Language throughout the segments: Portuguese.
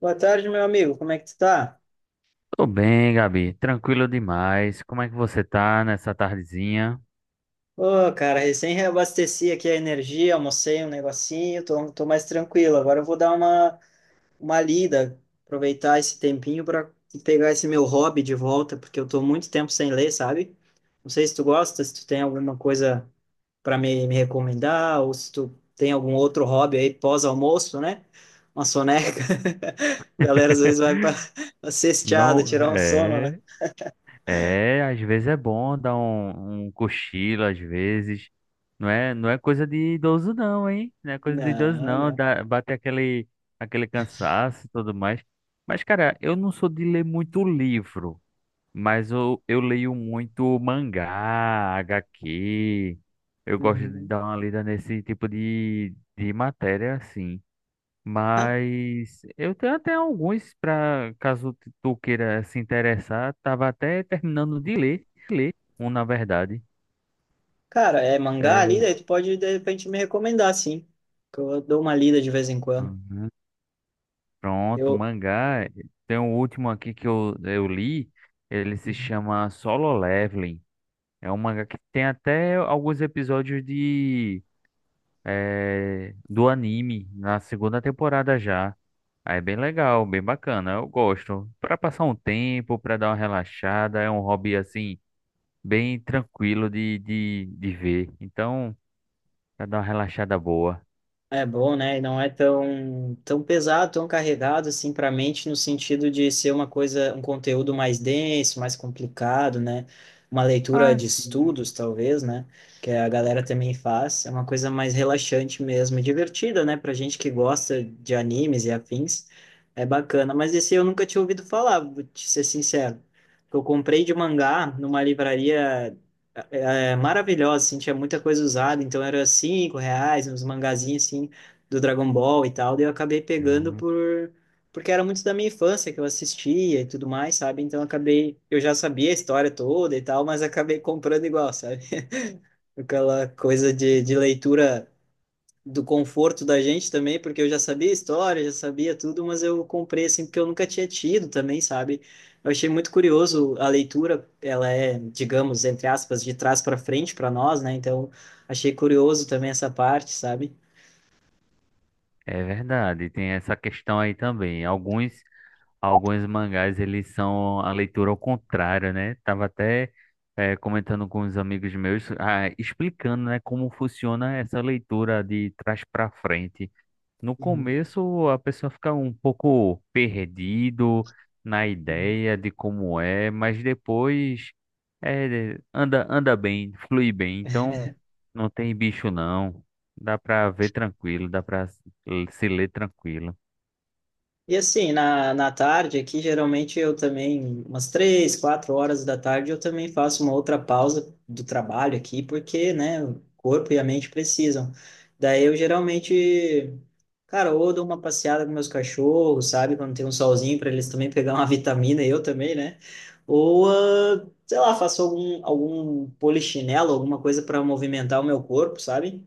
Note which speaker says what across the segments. Speaker 1: Boa tarde, meu amigo. Como é que tu tá?
Speaker 2: Tô bem, Gabi. Tranquilo demais. Como é que você tá nessa tardezinha?
Speaker 1: Ô, cara, recém reabasteci aqui a energia, almocei um negocinho, tô mais tranquilo. Agora eu vou dar uma lida, aproveitar esse tempinho para pegar esse meu hobby de volta, porque eu tô muito tempo sem ler, sabe? Não sei se tu gosta, se tu tem alguma coisa para me recomendar, ou se tu tem algum outro hobby aí pós-almoço, né? Uma soneca. A galera às vezes vai para pra cesteada,
Speaker 2: Não,
Speaker 1: tirar um sono, né?
Speaker 2: é, é, às vezes é bom dar um cochilo, às vezes. Não é coisa de idoso não, hein? Não é coisa de idoso
Speaker 1: Não,
Speaker 2: não,
Speaker 1: não.
Speaker 2: dá, aquele cansaço e tudo mais. Mas, cara, eu não sou de ler muito livro, mas eu leio muito mangá, HQ. Eu gosto de
Speaker 1: Uhum.
Speaker 2: dar uma lida nesse de matéria, assim.
Speaker 1: Ah,
Speaker 2: Mas eu tenho até alguns para caso tu queira se interessar. Tava até terminando de ler, um na verdade.
Speaker 1: cara, é mangá ali,
Speaker 2: É,
Speaker 1: daí tu pode de repente me recomendar, sim. Que eu dou uma lida de vez em quando.
Speaker 2: aham, pronto,
Speaker 1: Eu.
Speaker 2: mangá. Tem um último aqui que eu li. Ele se chama Solo Leveling. É um mangá que tem até alguns episódios de do anime na segunda temporada já. Aí é bem legal, bem bacana. Eu gosto. Para passar um tempo, para dar uma relaxada, é um hobby assim bem tranquilo de, de ver. Então, pra dar uma relaxada boa.
Speaker 1: É bom, né? E não é tão pesado, tão carregado assim para a mente no sentido de ser uma coisa, um conteúdo mais denso, mais complicado, né? Uma leitura
Speaker 2: Ah,
Speaker 1: de
Speaker 2: sim.
Speaker 1: estudos, talvez, né? Que a galera também faz. É uma coisa mais relaxante mesmo, e divertida, né? Pra gente que gosta de animes e afins, é bacana. Mas esse eu nunca tinha ouvido falar, vou te ser sincero. Eu comprei de mangá numa livraria é maravilhosa, assim, tinha muita coisa usada, então era cinco reais, uns mangazinhos, assim, do Dragon Ball e tal, daí eu acabei pegando
Speaker 2: Uhum.
Speaker 1: por, porque era muito da minha infância, que eu assistia e tudo mais, sabe? Então eu acabei, eu já sabia a história toda e tal, mas acabei comprando igual, sabe? Aquela coisa de leitura do conforto da gente também, porque eu já sabia a história, já sabia tudo, mas eu comprei assim porque eu nunca tinha tido também, sabe? Eu achei muito curioso a leitura, ela é, digamos, entre aspas, de trás para frente para nós, né? Então, achei curioso também essa parte, sabe?
Speaker 2: É verdade, tem essa questão aí também. Alguns mangás, eles são a leitura ao contrário, né? Tava até comentando com os amigos meus, ah, explicando, né, como funciona essa leitura de trás para frente. No
Speaker 1: Uhum.
Speaker 2: começo, a pessoa fica um pouco perdido na ideia de como é, mas depois é, anda bem, flui bem. Então, não tem bicho não. Dá pra ver tranquilo, dá pra se ler tranquilo.
Speaker 1: E assim, na tarde aqui, geralmente eu também, umas três, quatro horas da tarde, eu também faço uma outra pausa do trabalho aqui, porque, né, o corpo e a mente precisam. Daí eu geralmente, cara, ou dou uma passeada com meus cachorros, sabe, quando tem um solzinho para eles também pegar uma vitamina, eu também, né? Ou, ah, sei lá, faço algum polichinelo, alguma coisa para movimentar o meu corpo, sabe?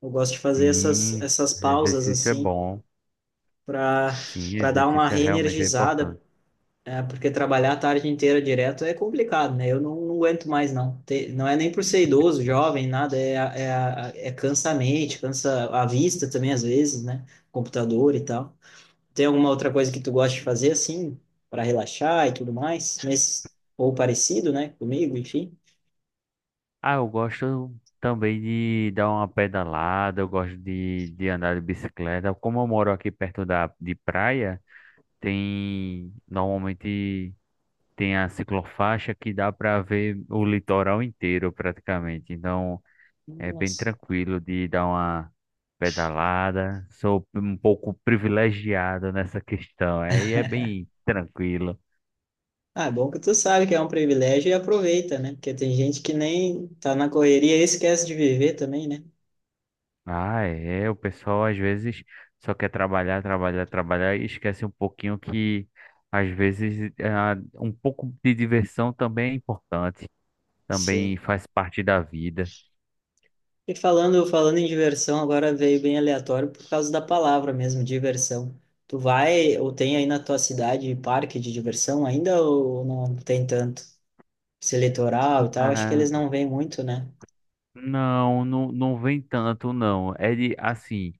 Speaker 1: Eu gosto de fazer essas,
Speaker 2: Sim,
Speaker 1: essas pausas
Speaker 2: exercício é
Speaker 1: assim
Speaker 2: bom.
Speaker 1: para
Speaker 2: Sim,
Speaker 1: para dar uma
Speaker 2: exercício é realmente é
Speaker 1: reenergizada,
Speaker 2: importante.
Speaker 1: é, porque trabalhar a tarde inteira direto é complicado, né? Eu não aguento mais, não. Não é nem por ser idoso, jovem, nada, é, é cansa a mente, cansa a vista também, às vezes, né? Computador e tal. Tem alguma outra coisa que tu gosta de fazer, assim, para relaxar e tudo mais? Nesse, ou parecido, né? Comigo, enfim.
Speaker 2: Ah, eu gosto também de dar uma pedalada, eu gosto de andar de bicicleta. Como eu moro de praia. Tem, normalmente tem a ciclofaixa que dá para ver o litoral inteiro praticamente. Então é bem
Speaker 1: Nossa.
Speaker 2: tranquilo de dar uma pedalada. Sou um pouco privilegiado nessa questão. Aí é bem tranquilo.
Speaker 1: Ah, é bom que tu sabe que é um privilégio e aproveita, né? Porque tem gente que nem tá na correria e esquece de viver também, né?
Speaker 2: Ah, é, o pessoal às vezes só quer trabalhar e esquece um pouquinho que às vezes ah, um pouco de diversão também é importante, também
Speaker 1: Sim.
Speaker 2: faz parte da vida.
Speaker 1: E falando em diversão, agora veio bem aleatório por causa da palavra mesmo, diversão. Tu vai ou tem aí na tua cidade parque de diversão ainda ou não tem tanto? Esse litoral e tal, acho que eles
Speaker 2: Cara,
Speaker 1: não vêm muito, né?
Speaker 2: não, não vem tanto, não. É de, assim,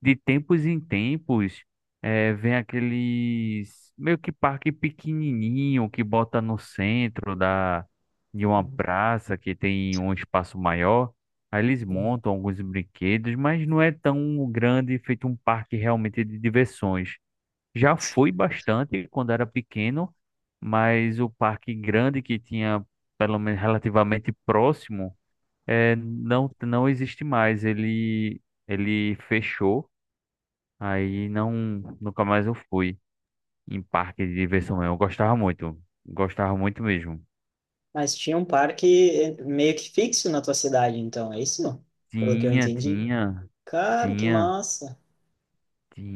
Speaker 2: de tempos em tempos, é, vem aqueles meio que parque pequenininho que bota no centro da, de uma praça que tem um espaço maior. Aí eles
Speaker 1: Uhum.
Speaker 2: montam alguns brinquedos, mas não é tão grande, feito um parque realmente de diversões. Já fui bastante quando era pequeno, mas o parque grande que tinha, pelo menos relativamente próximo. É, não existe mais. Ele fechou, aí não, nunca mais eu fui em parque de diversão. Eu
Speaker 1: Ah,
Speaker 2: gostava muito mesmo.
Speaker 1: mas tinha um parque meio que fixo na tua cidade, então, é isso? Pelo que eu
Speaker 2: Tinha,
Speaker 1: entendi.
Speaker 2: tinha,
Speaker 1: Cara, que
Speaker 2: tinha,
Speaker 1: massa.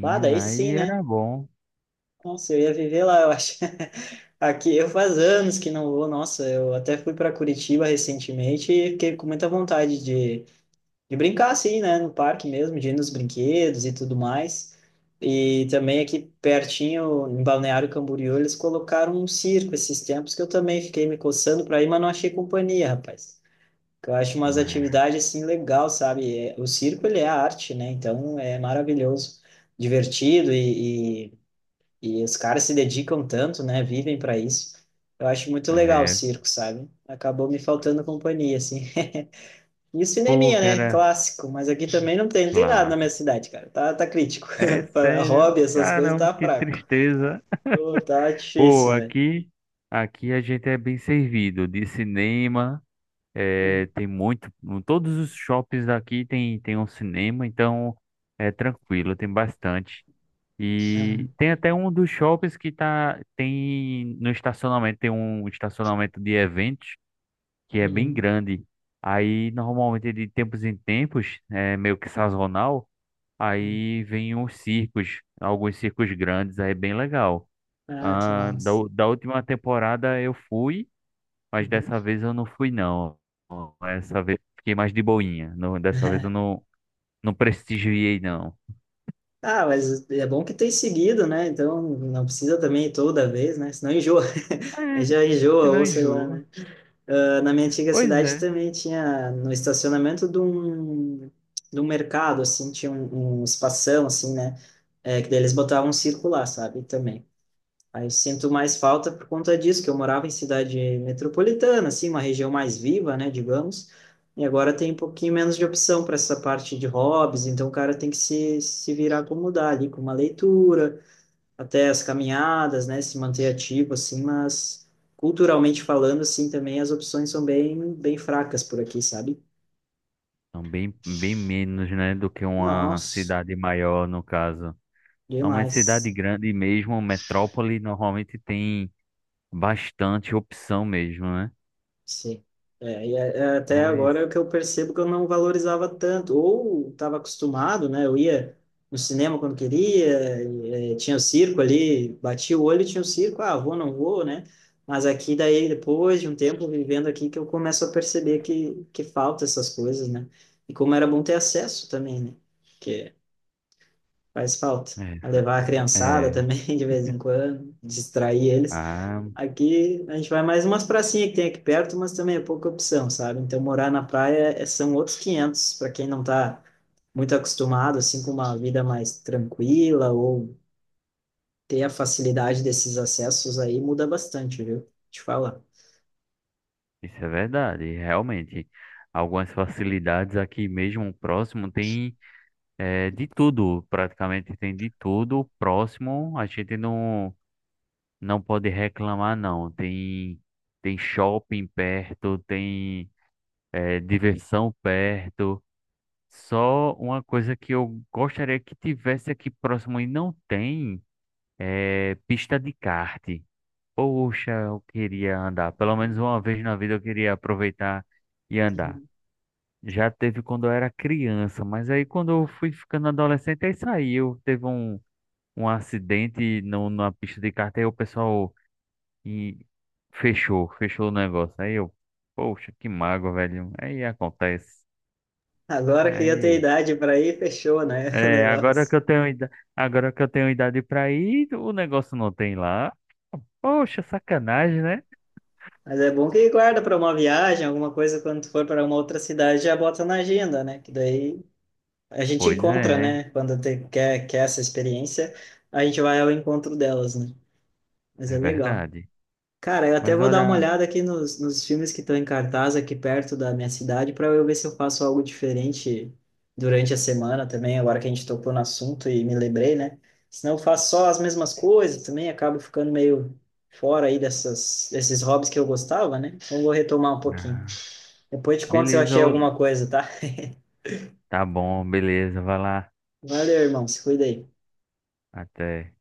Speaker 1: Bah, daí sim,
Speaker 2: aí
Speaker 1: né?
Speaker 2: era bom.
Speaker 1: Nossa, eu ia viver lá, eu acho. Aqui eu faz anos que não vou, nossa, eu até fui para Curitiba recentemente e fiquei com muita vontade de brincar assim, né, no parque mesmo, de ir nos brinquedos e tudo mais. E também aqui pertinho, em Balneário Camboriú, eles colocaram um circo esses tempos que eu também fiquei me coçando para ir, mas não achei companhia, rapaz. Que eu acho umas
Speaker 2: Mas,
Speaker 1: atividades assim legal, sabe? É, o circo ele é arte, né? Então é maravilhoso, divertido e, e os caras se dedicam tanto, né? Vivem para isso. Eu acho muito legal o
Speaker 2: é,
Speaker 1: circo, sabe? Acabou me faltando companhia, assim. E o
Speaker 2: pô,
Speaker 1: cineminha, né?
Speaker 2: cara,
Speaker 1: Clássico. Mas aqui também não tem nada na minha
Speaker 2: clássico.
Speaker 1: cidade, cara. Tá crítico.
Speaker 2: É
Speaker 1: Pra
Speaker 2: sério,
Speaker 1: hobby, essas coisas,
Speaker 2: caramba,
Speaker 1: tá
Speaker 2: que
Speaker 1: fraco.
Speaker 2: tristeza.
Speaker 1: Ô, tá
Speaker 2: Pô,
Speaker 1: difícil, velho.
Speaker 2: aqui, aqui a gente é bem servido de cinema. É,
Speaker 1: Uhum.
Speaker 2: tem muito, em todos os shoppings aqui tem um cinema, então é tranquilo, tem bastante. E
Speaker 1: Ah,
Speaker 2: tem até um dos shoppings tem no estacionamento, tem um estacionamento de eventos que é bem
Speaker 1: uhum.
Speaker 2: grande. Aí normalmente de tempos em tempos, é meio que sazonal,
Speaker 1: Uhum.
Speaker 2: aí vem uns circos, alguns circos grandes, aí é bem legal.
Speaker 1: Ah, que
Speaker 2: Ah,
Speaker 1: massa.
Speaker 2: da última temporada eu fui. Mas
Speaker 1: Uhum.
Speaker 2: dessa vez eu não fui, não. Essa vez fiquei mais de boinha. Não, dessa vez eu não, não prestigiei, não.
Speaker 1: Ah, mas é bom que tem seguido, né? Então não precisa também ir toda vez, né? Senão enjoa.
Speaker 2: É,
Speaker 1: Aí já
Speaker 2: se
Speaker 1: enjoa,
Speaker 2: não
Speaker 1: ou sei lá,
Speaker 2: enjoa.
Speaker 1: né? Ah, na minha antiga
Speaker 2: Pois
Speaker 1: cidade
Speaker 2: é.
Speaker 1: também tinha no estacionamento de um mercado, assim, tinha um, um espação, assim, né? É, que daí eles botavam um circular, sabe? Também. Aí eu sinto mais falta por conta disso, que eu morava em cidade metropolitana, assim, uma região mais viva, né, digamos. E agora tem um pouquinho menos de opção para essa parte de hobbies, então o cara tem que se virar como dá ali, com uma leitura até as caminhadas, né, se manter ativo assim, mas culturalmente falando assim também as opções são bem fracas por aqui, sabe?
Speaker 2: Então, bem, bem menos, né, do que uma
Speaker 1: Nossa,
Speaker 2: cidade maior, no caso. Normalmente, cidade
Speaker 1: demais.
Speaker 2: grande mesmo, metrópole, normalmente tem bastante opção mesmo, né?
Speaker 1: Sim. É, é até agora é
Speaker 2: Mas,
Speaker 1: o que eu percebo que eu não valorizava tanto, ou estava acostumado, né? Eu ia no cinema quando queria, e, é, tinha o circo ali, batia o olho e tinha o circo, ah, vou, não vou, né? Mas aqui daí, depois de um tempo vivendo aqui, que eu começo a perceber que falta essas coisas, né? E como era bom ter acesso também, né? Que faz falta. A
Speaker 2: é,
Speaker 1: levar a criançada
Speaker 2: é.
Speaker 1: também, de vez em quando, distrair eles.
Speaker 2: Ah,
Speaker 1: Aqui a gente vai mais umas pracinhas que tem aqui perto, mas também é pouca opção, sabe? Então morar na praia são outros 500 para quem não tá muito acostumado assim com uma vida mais tranquila ou ter a facilidade desses acessos aí muda bastante, viu? Te falar.
Speaker 2: isso é verdade, realmente. Algumas facilidades aqui mesmo próximo tem, é, de tudo, praticamente tem de tudo. Próximo, a gente não, não pode reclamar, não. Tem shopping perto, tem, é, diversão perto. Só uma coisa que eu gostaria que tivesse aqui próximo e não tem é pista de kart. Poxa, eu queria andar. Pelo menos
Speaker 1: Uhum.
Speaker 2: uma vez na vida eu queria aproveitar e andar. Já teve quando eu era criança, mas aí quando eu fui ficando adolescente, aí saiu. Teve um acidente no, numa pista de kart, aí o pessoal e fechou o negócio. Aí eu, poxa, que mágoa, velho. Aí acontece.
Speaker 1: Agora que eu tenho
Speaker 2: Aí,
Speaker 1: idade para ir, fechou, né, o
Speaker 2: é,
Speaker 1: negócio.
Speaker 2: agora que eu tenho idade pra ir, o negócio não tem lá. Poxa, sacanagem, né?
Speaker 1: Mas é bom que guarda para uma viagem, alguma coisa quando tu for para uma outra cidade, já bota na agenda, né? Que daí a gente
Speaker 2: Pois
Speaker 1: encontra,
Speaker 2: é,
Speaker 1: né? Quando quer essa experiência, a gente vai ao encontro delas, né? Mas
Speaker 2: é
Speaker 1: é legal.
Speaker 2: verdade.
Speaker 1: Cara, eu até
Speaker 2: Mas
Speaker 1: vou dar uma
Speaker 2: olha,
Speaker 1: olhada aqui nos filmes que estão em cartaz aqui perto da minha cidade para eu ver se eu faço algo diferente durante a semana também, agora que a gente tocou no assunto e me lembrei, né? Senão eu faço só as mesmas coisas também, acabo ficando meio fora aí dessas, desses hobbies que eu gostava, né? Então eu vou retomar um pouquinho.
Speaker 2: ah,
Speaker 1: Depois te conto se eu
Speaker 2: beleza,
Speaker 1: achei
Speaker 2: ô-
Speaker 1: alguma coisa, tá?
Speaker 2: tá bom, beleza, vai lá.
Speaker 1: Valeu, irmão. Se cuida aí.
Speaker 2: Até.